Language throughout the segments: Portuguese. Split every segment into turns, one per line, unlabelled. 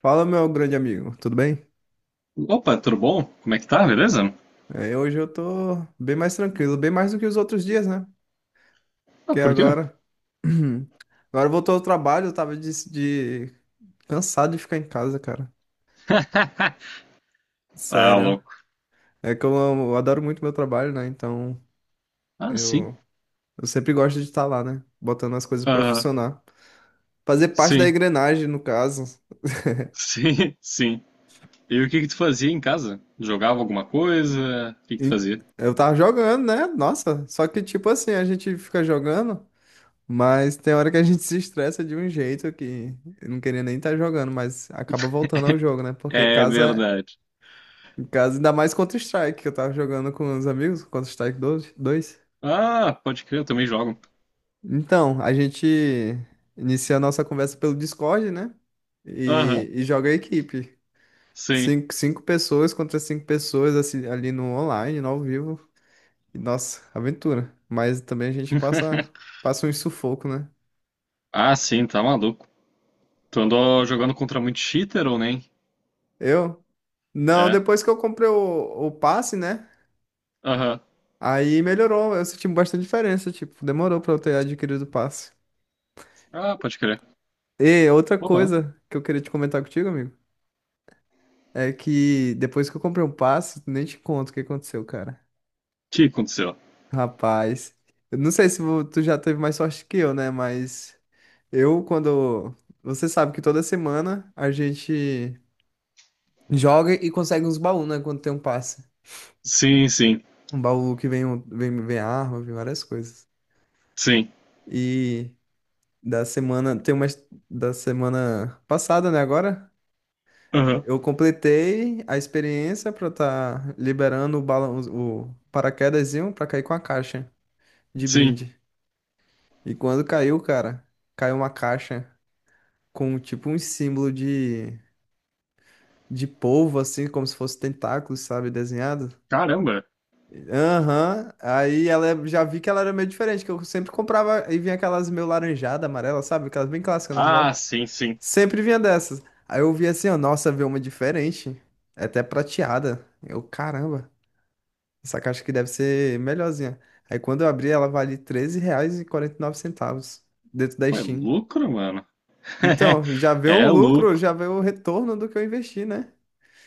Fala, meu grande amigo, tudo bem?
Opa, tudo bom? Como é que tá? Beleza?
É, hoje eu tô bem mais tranquilo, bem mais do que os outros dias, né?
Ah,
Que
por quê?
agora. Agora voltou ao trabalho, eu tava de- cansado de ficar em casa, cara.
Tá
Sério.
louco.
É que eu adoro muito meu trabalho, né? Então
Ah, sim.
eu, eu sempre gosto de estar lá, né? Botando as coisas pra
Ah,
funcionar. Fazer parte da
sim.
engrenagem, no caso.
Sim, sim. E o que que tu fazia em casa? Jogava alguma coisa? O que que tu
E
fazia?
eu tava jogando, né? Nossa, só que tipo assim, a gente fica jogando. Mas tem hora que a gente se estressa de um jeito que eu não queria nem estar jogando, mas acaba voltando ao jogo, né? Porque
É
casa,
verdade.
casa ainda mais Counter-Strike, que eu tava jogando com os amigos, Counter-Strike 2. dois.
Ah, pode crer, eu também jogo.
Então, a gente inicia a nossa conversa pelo Discord, né?
Aham,
E joga a equipe.
sim.
Cinco pessoas contra cinco pessoas assim, ali no online, no ao vivo. E, nossa, aventura. Mas também a gente passa, passa um sufoco, né?
Ah, sim, tá maluco. Tu andou jogando contra muito cheater ou nem?
Eu. Não,
É.
depois que eu comprei o passe, né?
Aham.
Aí melhorou, eu senti bastante diferença, tipo, demorou pra eu ter adquirido o passe.
Ah, pode crer.
E outra
Porra. O
coisa que eu queria te comentar contigo, amigo, é que depois que eu comprei um passe, nem te conto o que aconteceu, cara.
que aconteceu?
Rapaz, eu não sei se tu já teve mais sorte que eu, né? Mas eu, quando. Você sabe que toda semana a gente joga e consegue uns baús, né? Quando tem um passe.
Sim, sim,
Um baú que vem, vem arma, vem várias coisas.
sim.
E da semana. Tem umas da semana passada, né? Agora.
Aham.
Eu completei a experiência pra estar liberando o balão, o paraquedazinho pra cair com a caixa de
Sim.
brinde. E quando caiu, cara, caiu uma caixa com tipo um símbolo de polvo, assim, como se fosse tentáculos, sabe, desenhado.
Caramba.
Aham, aí ela já vi que ela era meio diferente, que eu sempre comprava e vinha aquelas meio laranjada, amarela, sabe, aquelas bem clássicas,
Ah,
normal.
sim, sim.
Sempre vinha dessas. Aí eu vi assim, ó, nossa, veio uma diferente, é até prateada. Eu, caramba. Essa caixa aqui deve ser melhorzinha. Aí quando eu abri, ela vale treze reais e quarenta e nove centavos dentro da
Pô, é
Steam.
lucro, mano.
Então, já veio um
É
lucro,
lucro.
já veio o retorno do que eu investi, né?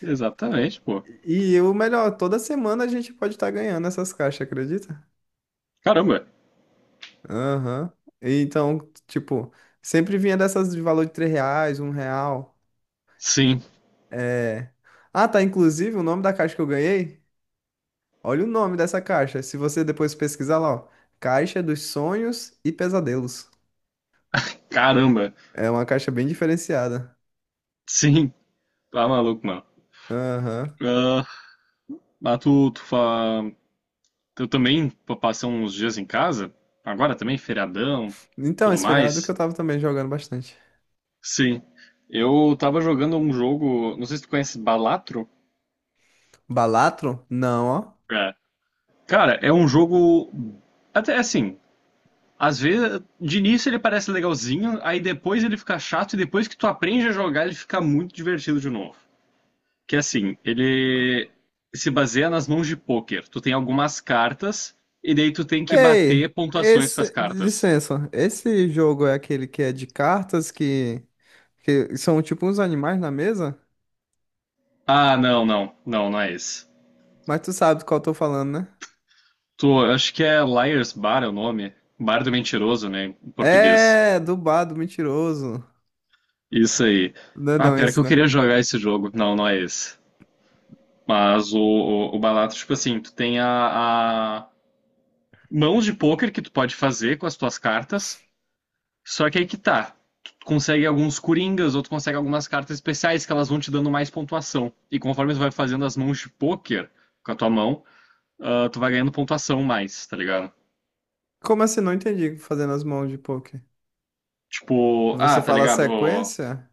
Exatamente, pô.
E o melhor, toda semana a gente pode estar ganhando essas caixas, acredita?
Caramba.
Aham. E então, tipo, sempre vinha dessas de valor de R$ 3, R$ 1.
Sim.
É... Ah, tá, inclusive o nome da caixa que eu ganhei. Olha o nome dessa caixa. Se você depois pesquisar lá, ó. Caixa dos Sonhos e Pesadelos.
Caramba.
É uma caixa bem diferenciada.
Sim. Tá maluco, mano.
Aham.
Ah, mas tu, tu fa... Eu também passei uns dias em casa. Agora também, feriadão,
Então,
tudo
esse feriado que eu
mais.
tava também jogando bastante.
Sim. Eu tava jogando um jogo. Não sei se tu conhece Balatro.
Balatro? Não, ó.
É. Cara, é um jogo. Até assim, às vezes, de início ele parece legalzinho, aí depois ele fica chato e depois que tu aprende a jogar ele fica muito divertido de novo. Que assim, ele se baseia nas mãos de pôquer. Tu tem algumas cartas e daí tu tem que
Ei,
bater pontuações com as
esse.
cartas.
Licença. Esse jogo é aquele que é de cartas que. Que são tipo uns animais na mesa?
Ah, não, não, não, não é esse.
Mas tu sabe do qual eu tô falando, né?
Eu acho que é Liars Bar é o nome. Bar do Mentiroso, né, em português.
É, do bado mentiroso.
Isso aí.
Não é
Ah,
não
pior que
esse,
eu
né?
queria jogar esse jogo. Não, não é esse. Mas o barato, tipo assim, tu tem a mãos de pôquer que tu pode fazer com as tuas cartas. Só que aí que tá. Tu consegue alguns coringas, ou tu consegue algumas cartas especiais que elas vão te dando mais pontuação. E conforme tu vai fazendo as mãos de pôquer com a tua mão, tu vai ganhando pontuação mais, tá ligado?
Como assim? Não entendi fazendo as mãos de poker.
Tipo,
Você
tá
fala
ligado?
sequência?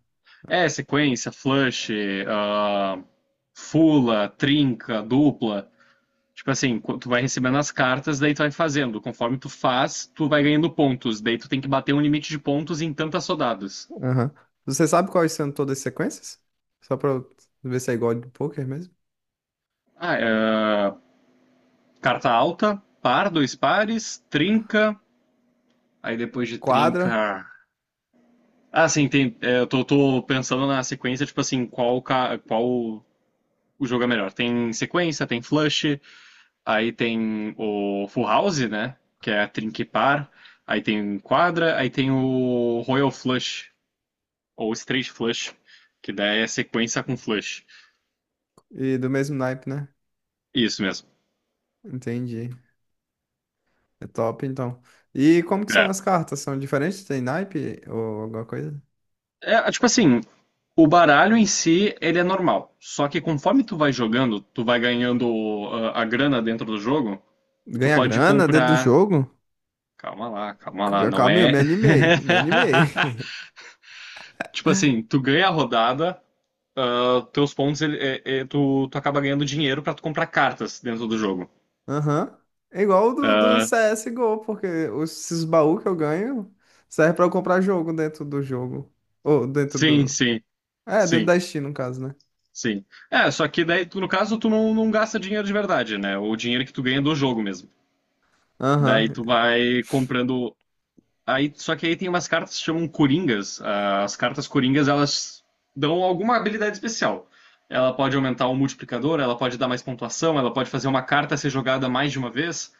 É, sequência, flush, ah, fula, trinca, dupla. Tipo assim, tu vai recebendo as cartas, daí tu vai fazendo. Conforme tu faz, tu vai ganhando pontos. Daí tu tem que bater um limite de pontos em tantas rodadas.
Aham. Você sabe quais são todas as sequências? Só pra eu ver se é igual de poker mesmo?
Ah, é, carta alta, par, dois pares, trinca. Aí depois de
Quadra
trinca. Ah, sim, tem, é, eu tô pensando na sequência, tipo assim, qual o jogo é melhor. Tem sequência, tem flush, aí tem o full house, né? Que é a trinca e par. Aí tem quadra, aí tem o royal flush, ou straight flush, que daí é sequência com flush.
e do mesmo naipe, né?
Isso mesmo.
Entendi. É top, então. E como que são
É.
as cartas? São diferentes? Tem naipe ou alguma coisa?
É, tipo assim, o baralho em si, ele é normal. Só que conforme tu vai jogando, tu vai ganhando a grana dentro do jogo, tu
Ganha
pode
grana dentro do
comprar.
jogo?
Calma lá, não
Calma, aí, eu
é.
me animei. Me animei.
Tipo assim, tu ganha a rodada, teus pontos, tu acaba ganhando dinheiro pra tu comprar cartas dentro do jogo.
Aham. É igual o do
Ah,
CSGO, porque esses baús que eu ganho serve pra eu comprar jogo dentro do jogo. Ou dentro
sim,
do.
sim,
É, dentro
sim,
da Steam, no caso, né?
sim. É, só que daí, tu, no caso, tu não, não gasta dinheiro de verdade, né? O dinheiro que tu ganha do jogo mesmo. Daí
Aham.
tu vai comprando. Aí, só que aí tem umas cartas que chamam Coringas. Ah, as cartas Coringas, elas dão alguma habilidade especial. Ela pode aumentar o multiplicador, ela pode dar mais pontuação, ela pode fazer uma carta ser jogada mais de uma vez,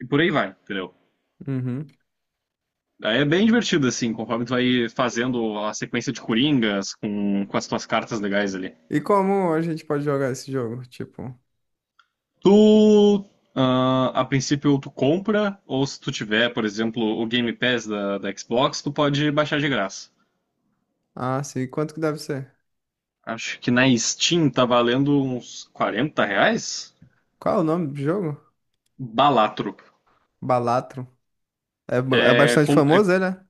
e por aí vai, entendeu?
Uhum.
Aí é bem divertido, assim, conforme tu vai fazendo a sequência de Coringas com as tuas cartas legais ali.
E como a gente pode jogar esse jogo? Tipo.
Tu, a princípio, tu compra, ou se tu tiver, por exemplo, o Game Pass da Xbox, tu pode baixar de graça.
Ah, sim. Quanto que deve ser?
Acho que na Steam tá valendo uns R$ 40?
Qual é o nome do jogo?
Balatro.
Balatro. É, é
É,
bastante famoso, ele, né?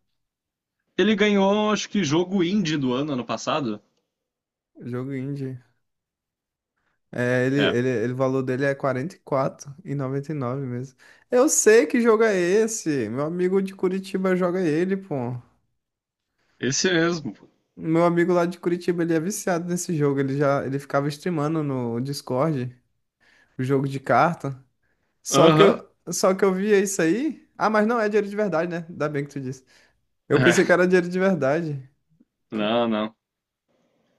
ele ganhou, acho que, jogo indie do ano, ano passado.
Jogo indie. É, ele,
É,
ele, ele, o valor dele é quarenta e quatro noventa e nove mesmo. Eu sei que jogo é esse. Meu amigo de Curitiba joga ele, pô.
esse mesmo.
Meu amigo lá de Curitiba, ele é viciado nesse jogo. Ele ficava streamando no Discord, o jogo de carta. Só que
Aham.
eu, só que eu via isso aí. Ah, mas não é dinheiro de verdade, né? Ainda bem que tu disse. Eu pensei que
É,
era dinheiro de verdade.
não, não.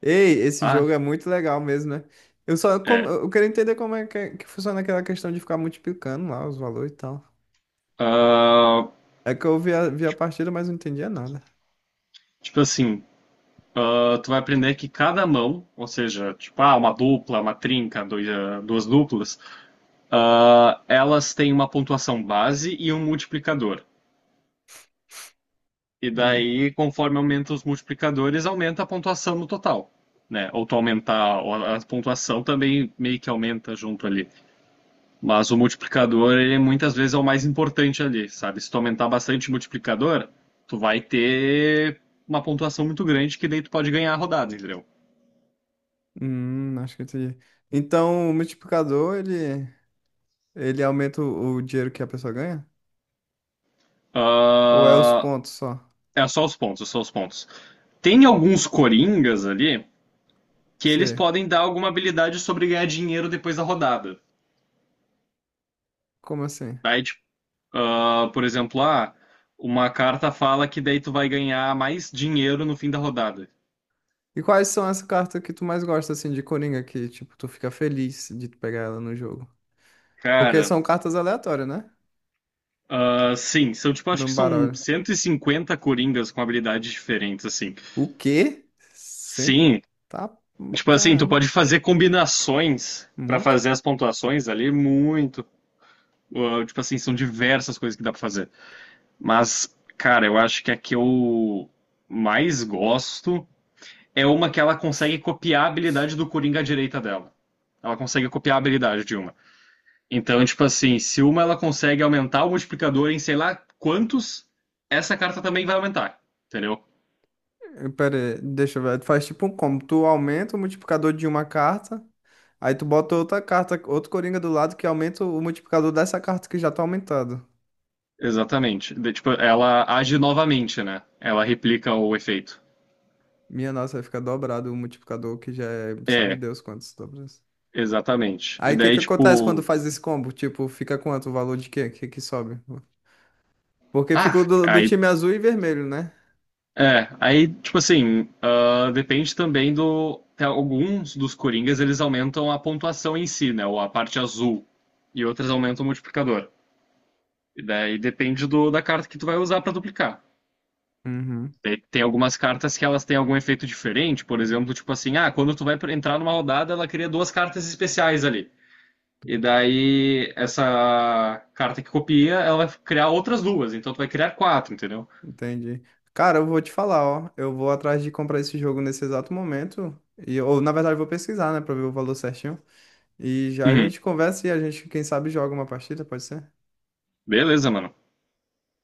Ei, esse jogo é
Ah,
muito legal mesmo, né?
é.
Eu quero entender como é que, que funciona aquela questão de ficar multiplicando lá os valores e tal.
Ah,
É que eu vi a partida, mas não entendia nada.
tipo assim, tu vai aprender que cada mão, ou seja, tipo, uma dupla, uma trinca, duas duplas, elas têm uma pontuação base e um multiplicador. E
Hum,
daí, conforme aumenta os multiplicadores, aumenta a pontuação no total, né? Ou tu aumentar ou a pontuação também meio que aumenta junto ali. Mas o multiplicador, ele muitas vezes é o mais importante ali, sabe? Se tu aumentar bastante o multiplicador, tu vai ter uma pontuação muito grande que daí tu pode ganhar a rodada, entendeu?
acho que eu entendi. Então, o multiplicador, ele aumenta o dinheiro que a pessoa ganha? Ou é os
Ah,
pontos só?
é só os pontos, é só os pontos. Tem alguns coringas ali que eles
Sei.
podem dar alguma habilidade sobre ganhar dinheiro depois da rodada.
Como assim?
Daí, tipo, por exemplo, uma carta fala que daí tu vai ganhar mais dinheiro no fim da rodada.
E quais são as cartas que tu mais gosta, assim, de Coringa, que, tipo, tu fica feliz de pegar ela no jogo? Porque
Cara,
são cartas aleatórias, né?
sim, são tipo, acho
No
que são
baralho.
150 coringas com habilidades diferentes, assim.
O quê? Cê
Sim,
tá.
tipo assim, tu
Caramba,
pode fazer combinações pra
muito.
fazer as pontuações ali, muito. Ah, tipo assim, são diversas coisas que dá pra fazer. Mas, cara, eu acho que a que eu mais gosto é uma que ela consegue copiar a habilidade do Coringa à direita dela. Ela consegue copiar a habilidade de uma. Então, tipo assim, se uma ela consegue aumentar o multiplicador em sei lá quantos, essa carta também vai aumentar, entendeu?
Eh, pera aí, deixa eu ver. Tu faz tipo um combo. Tu aumenta o multiplicador de uma carta, aí tu bota outra carta, outro coringa do lado que aumenta o multiplicador dessa carta que já tá aumentado.
Exatamente. Tipo, ela age novamente, né? Ela replica o efeito.
Minha nossa, vai ficar dobrado o multiplicador que já é, sabe
É,
Deus quantos dobras.
exatamente. E
Aí o que
daí,
que acontece quando
tipo.
faz esse combo? Tipo, fica quanto o valor de quê? O que que sobe? Porque ficou
Ah,
do
aí.
time azul e vermelho, né?
É, aí, tipo assim, depende também do. Tem alguns dos Coringas, eles aumentam a pontuação em si, né? Ou a parte azul. E outras aumentam o multiplicador. E daí depende do, da carta que tu vai usar pra duplicar.
Uhum.
Tem algumas cartas que elas têm algum efeito diferente, por exemplo, tipo assim, quando tu vai entrar numa rodada, ela cria duas cartas especiais ali. E daí, essa carta que copia, ela vai criar outras duas. Então tu vai criar quatro, entendeu?
Entendi. Cara, eu vou te falar, ó. Eu vou atrás de comprar esse jogo nesse exato momento. E, ou, na verdade, eu vou pesquisar, né, pra ver o valor certinho. E já a
Uhum.
gente conversa e a gente, quem sabe, joga uma partida, pode ser?
Beleza, mano.